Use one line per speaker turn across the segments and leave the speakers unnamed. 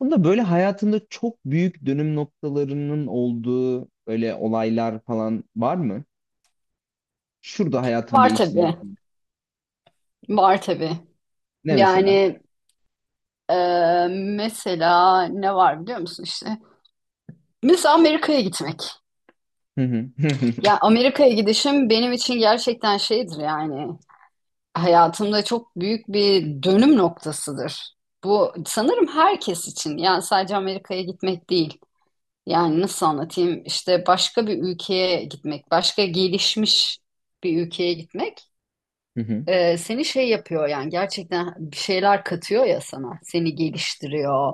Bunda böyle hayatında çok büyük dönüm noktalarının olduğu böyle olaylar falan var mı? Şurada hayatım
Var
değişti
tabii.
dediğin.
Var tabii.
Ne mesela?
Yani e, mesela ne var biliyor musun işte? Mesela Amerika'ya gitmek.
Hı hı.
Ya Amerika'ya gidişim benim için gerçekten şeydir yani. Hayatımda çok büyük bir dönüm noktasıdır. Bu sanırım herkes için. Yani sadece Amerika'ya gitmek değil. Yani nasıl anlatayım? İşte başka bir ülkeye gitmek, başka gelişmiş bir ülkeye gitmek.
Hı hı.
Seni şey yapıyor yani gerçekten bir şeyler katıyor ya sana. Seni geliştiriyor.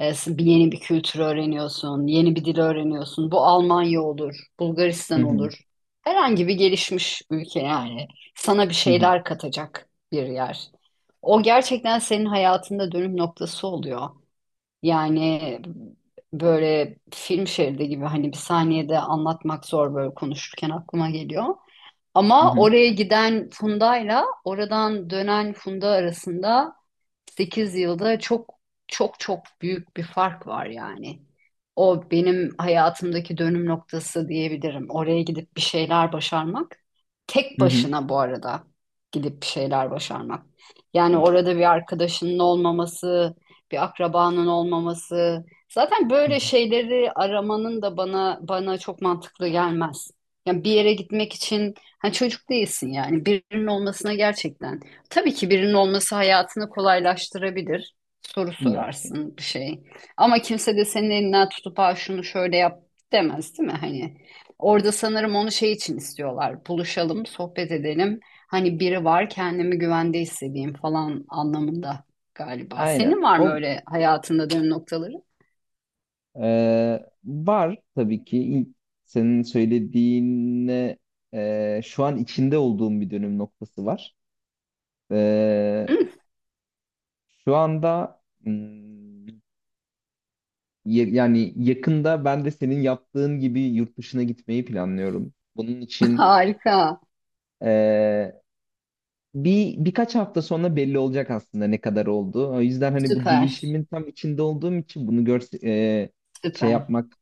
Bir Yeni bir kültür öğreniyorsun, yeni bir dil öğreniyorsun. Bu Almanya olur,
Hı
Bulgaristan
hı.
olur. Herhangi bir gelişmiş ülke yani sana bir
Hı hı.
şeyler katacak bir yer. O gerçekten senin hayatında dönüm noktası oluyor. Yani böyle film şeridi gibi hani bir saniyede anlatmak zor, böyle konuşurken aklıma geliyor.
Hı
Ama
hı.
oraya giden Funda'yla oradan dönen Funda arasında 8 yılda çok çok büyük bir fark var yani. O benim hayatımdaki dönüm noktası diyebilirim. Oraya gidip bir şeyler başarmak. Tek
Hı hı.
başına bu arada gidip bir şeyler başarmak. Yani
Of.
orada bir arkadaşının olmaması, bir akrabanın olmaması. Zaten
Hı
böyle
hı.
şeyleri aramanın da bana çok mantıklı gelmez. Yani bir yere gitmek için hani çocuk değilsin, yani birinin olmasına gerçekten. Tabii ki birinin olması hayatını kolaylaştırabilir. Soru
İlla ki.
sorarsın bir şey. Ama kimse de senin elinden tutup ha şunu şöyle yap demez, değil mi? Hani orada sanırım onu şey için istiyorlar. Buluşalım, sohbet edelim. Hani biri var, kendimi güvende hissedeyim falan anlamında galiba.
Aynen.
Senin var mı
O,
öyle hayatında dönüm noktaları?
var tabii ki. İlk senin söylediğine, şu an içinde olduğum bir dönüm noktası var. E, şu anda, yani yakında ben de senin yaptığın gibi yurt dışına gitmeyi planlıyorum. Bunun için
Harika.
eee, birkaç hafta sonra belli olacak aslında ne kadar oldu. O yüzden hani bu
Süper.
değişimin tam içinde olduğum için bunu gör şey
Süper.
yapmak,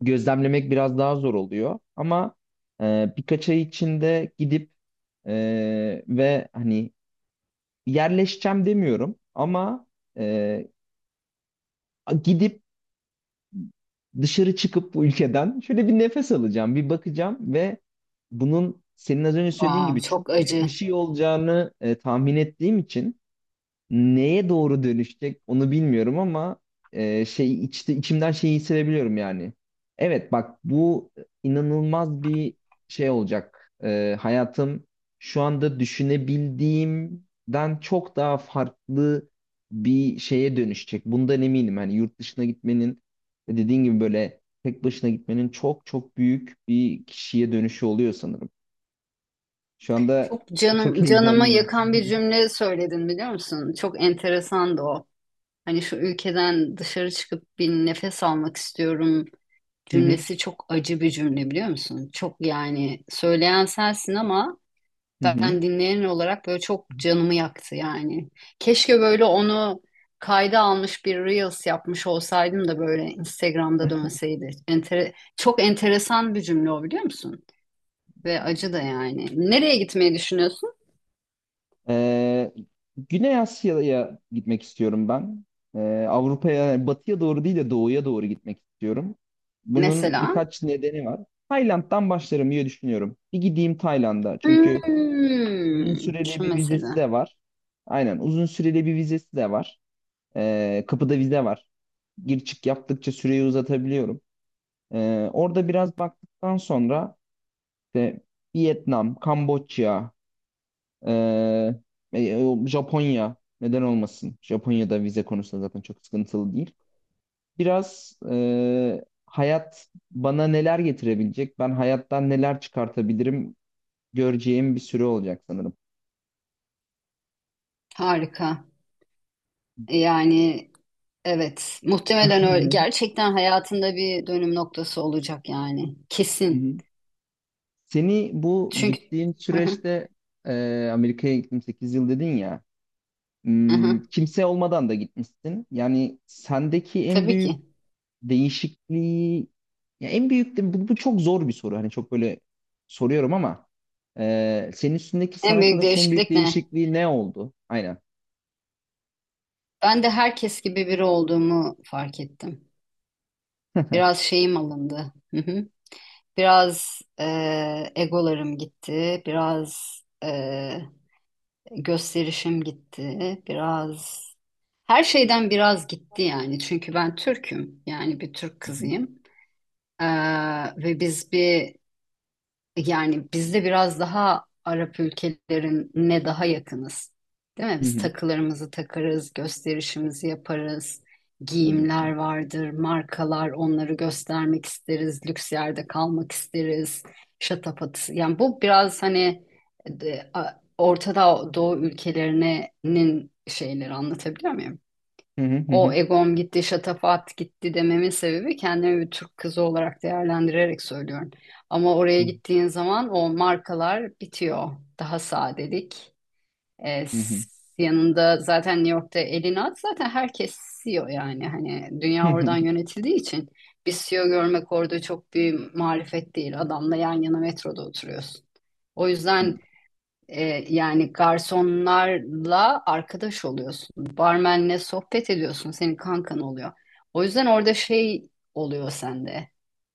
gözlemlemek biraz daha zor oluyor. Ama birkaç ay içinde gidip ve hani yerleşeceğim demiyorum ama eee, gidip dışarı çıkıp bu ülkeden şöyle bir nefes alacağım, bir bakacağım ve bunun senin az önce söylediğin
Wow,
gibi
çok
çok büyük
acı.
bir şey olacağını tahmin ettiğim için neye doğru dönüşecek onu bilmiyorum ama şey içimden şeyi hissedebiliyorum yani. Evet bak, bu inanılmaz bir şey olacak. Hayatım şu anda düşünebildiğimden çok daha farklı bir şeye dönüşecek. Bundan eminim. Hani yurt dışına gitmenin ve dediğin gibi böyle tek başına gitmenin çok çok büyük bir kişiye dönüşü oluyor sanırım. Şu anda
Çok
çok
canım, canımı
heyecanlıyım.
yakan bir cümle söyledin biliyor musun? Çok enteresandı o. Hani şu ülkeden dışarı çıkıp bir nefes almak istiyorum
Hı hı.
cümlesi çok acı bir cümle biliyor musun? Çok yani, söyleyen sensin ama
Hı hı.
ben dinleyen olarak böyle çok canımı yaktı yani. Keşke böyle onu kayda almış bir Reels yapmış olsaydım da böyle Instagram'da dönseydi. Çok enteresan bir cümle o, biliyor musun? Ve acı da yani. Nereye gitmeyi düşünüyorsun?
Ee, Güney Asya'ya gitmek istiyorum ben. Avrupa'ya, yani batıya doğru değil de doğuya doğru gitmek istiyorum. Bunun
Mesela.
birkaç nedeni var. Tayland'dan başlarım diye düşünüyorum. Bir gideyim Tayland'a. Çünkü
Hmm,
uzun süreli
şu
bir vizesi
mesela.
de var. Aynen, uzun süreli bir vizesi de var. Kapıda vize var. Gir çık yaptıkça süreyi uzatabiliyorum. Orada biraz baktıktan sonra işte Vietnam, Kamboçya, ee, e, Japonya neden olmasın? Japonya'da vize konusunda zaten çok sıkıntılı değil. Biraz hayat bana neler getirebilecek, ben hayattan neler çıkartabilirim göreceğim bir süre olacak sanırım.
Harika. E Yani Evet, muhtemelen öyle.
Hı
Gerçekten hayatında bir dönüm noktası olacak yani. Kesin.
hı. Seni bu
Çünkü
gittiğin
hı hı,
süreçte Amerika'ya gittim 8 yıl dedin ya.
hı hı,
Kimse olmadan da gitmişsin. Yani sendeki en
tabii
büyük
ki.
değişikliği, ya en büyük de bu çok zor bir soru. Hani çok böyle soruyorum ama senin üstündeki,
En
sana
büyük
kalırsa en büyük
değişiklik ne?
değişikliği ne oldu? Aynen.
Ben de herkes gibi biri olduğumu fark ettim.
Hı
Biraz şeyim alındı. Hı hı. Biraz egolarım gitti. Biraz gösterişim gitti. Biraz her şeyden biraz gitti yani. Çünkü ben Türk'üm. Yani bir Türk
hı.
kızıyım. Ve biz bir Yani biz de biraz daha Arap ülkelerine daha yakınız. Değil mi?
Hı
Biz
hı.
takılarımızı takarız, gösterişimizi yaparız.
Tabii ki.
Giyimler vardır, markalar, onları göstermek isteriz, lüks yerde kalmak isteriz. Şatafatı. Yani bu biraz hani Orta Doğu ülkelerinin şeyleri, anlatabiliyor muyum?
Hı hı, hı
O
hı.
egom gitti, şatafat gitti dememin sebebi, kendimi bir Türk kızı olarak değerlendirerek söylüyorum. Ama oraya
Hı
gittiğin zaman o markalar bitiyor. Daha sadelik. E,
hı.
s- Yanında zaten New York'ta elini at, zaten herkes CEO yani. Hani
Hı
dünya
hı.
oradan yönetildiği için bir CEO görmek orada çok bir marifet değil. Adamla yan yana metroda oturuyorsun. O yüzden e, yani garsonlarla arkadaş oluyorsun. Barmenle sohbet ediyorsun. Senin kankan oluyor. O yüzden orada şey oluyor sende.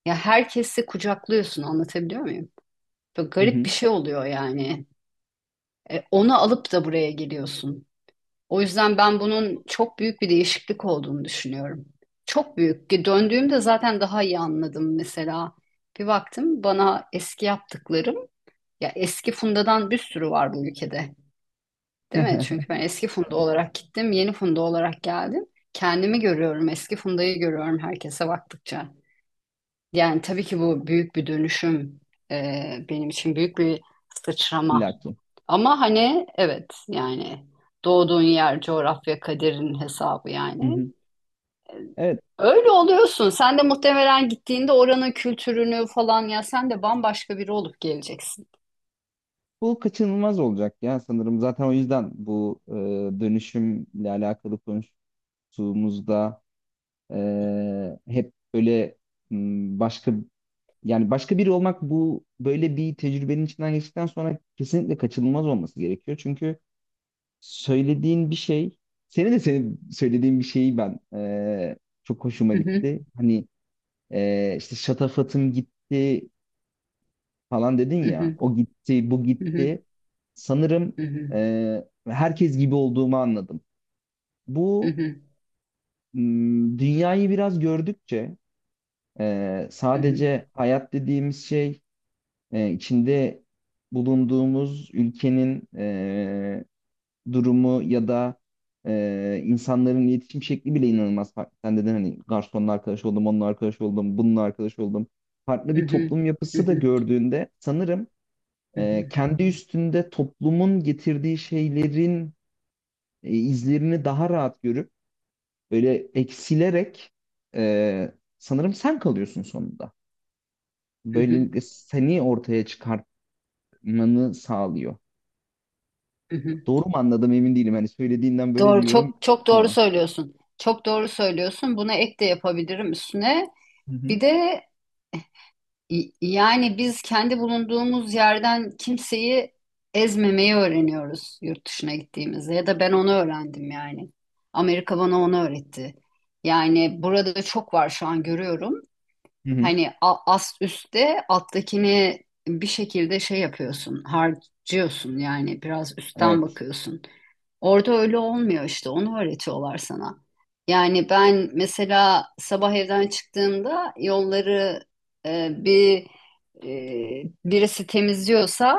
Ya herkesi kucaklıyorsun. Anlatabiliyor muyum? Böyle
Hı
garip bir
hı.
şey oluyor yani. Onu alıp da buraya geliyorsun. O yüzden ben bunun çok büyük bir değişiklik olduğunu düşünüyorum. Çok büyük. Ki döndüğümde zaten daha iyi anladım mesela. Bir baktım bana, eski yaptıklarım ya, eski fundadan bir sürü var bu ülkede. Değil mi? Çünkü ben eski Funda olarak gittim, yeni Funda olarak geldim. Kendimi görüyorum, eski Funda'yı görüyorum herkese baktıkça. Yani tabii ki bu büyük bir dönüşüm, benim için büyük bir sıçrama.
İlla ki.
Ama hani evet yani, doğduğun yer coğrafya kaderin hesabı
Hı
yani.
hı. Evet.
Öyle oluyorsun. Sen de muhtemelen gittiğinde oranın kültürünü falan, ya sen de bambaşka biri olup geleceksin.
Bu kaçınılmaz olacak ya sanırım. Zaten o yüzden bu dönüşümle alakalı konuştuğumuzda hep böyle. M, başka Yani başka biri olmak, bu böyle bir tecrübenin içinden geçtikten sonra kesinlikle kaçınılmaz olması gerekiyor. Çünkü söylediğin bir şey, senin söylediğin bir şeyi ben çok hoşuma
Hı hı,
gitti. Hani işte şatafatım gitti falan dedin
hı
ya,
hı,
o gitti, bu
hı hı,
gitti. Sanırım
hı hı,
eee, herkes gibi olduğumu anladım.
hı
Bu
hı,
dünyayı biraz gördükçe
hı hı,
sadece hayat dediğimiz şey, içinde bulunduğumuz ülkenin durumu ya da insanların iletişim şekli bile inanılmaz farklı. Sen dedin hani garsonla arkadaş oldum, onunla arkadaş oldum, bununla arkadaş oldum. Farklı
hı
bir
hı,
toplum
hı
yapısı da
hı,
gördüğünde sanırım
hı hı,
kendi üstünde toplumun getirdiği şeylerin izlerini daha rahat görüp böyle eksilerek e, sanırım sen kalıyorsun sonunda.
hı hı,
Böylelikle seni ortaya çıkartmanı sağlıyor.
hı hı.
Doğru mu anladım emin değilim. Hani söylediğinden böyle bir
Doğru,
yorum
çok
yaptım
çok doğru
ama.
söylüyorsun. Çok doğru söylüyorsun. Buna ek de yapabilirim üstüne.
Hı hı.
Bir de yani biz kendi bulunduğumuz yerden kimseyi ezmemeyi öğreniyoruz yurt dışına gittiğimizde, ya da ben onu öğrendim yani. Amerika bana onu öğretti. Yani burada da çok var, şu an görüyorum.
Hı hı.
Hani ast üstte alttakini bir şekilde şey yapıyorsun, harcıyorsun, yani biraz üstten
Evet.
bakıyorsun. Orada öyle olmuyor işte. Onu öğretiyorlar sana. Yani ben mesela sabah evden çıktığımda yolları e, bir birisi temizliyorsa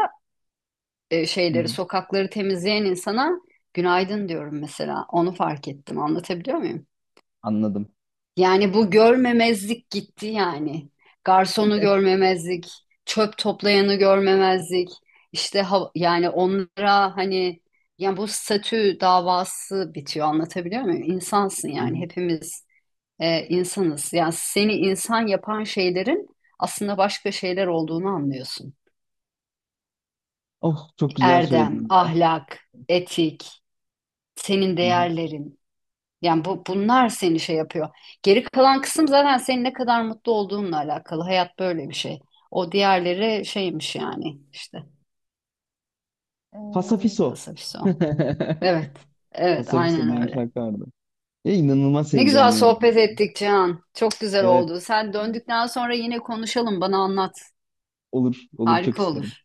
Hı
şeyleri,
hı.
sokakları temizleyen insana günaydın diyorum mesela. Onu fark ettim. Anlatabiliyor muyum?
Anladım.
Yani bu görmemezlik gitti yani. Garsonu görmemezlik, çöp toplayanı görmemezlik. İşte yani onlara hani, yani bu statü davası bitiyor, anlatabiliyor muyum? İnsansın
Hı
yani,
hı.
hepimiz insanız. Yani seni insan yapan şeylerin aslında başka şeyler olduğunu anlıyorsun.
Oh, çok güzel
Erdem,
söyledin ya.
ahlak, etik, senin
Hı hı.
değerlerin. Yani bunlar seni şey yapıyor. Geri kalan kısım zaten senin ne kadar mutlu olduğunla alakalı. Hayat böyle bir şey. O diğerleri şeymiş yani işte. Ee,
Fasafiso.
Pasifist o. Evet. Evet
Fasafiso
aynen
diye bir
öyle.
şarkı vardı. Ya, inanılmaz
Ne güzel
heyecanlıyım.
sohbet ettik Cihan. Çok güzel
Evet,
oldu. Sen döndükten sonra yine konuşalım. Bana anlat.
olur olur, çok
Harika
isterim.
olur.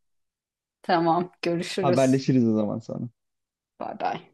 Tamam. Görüşürüz.
Haberleşiriz o zaman sonra.
Bay bay.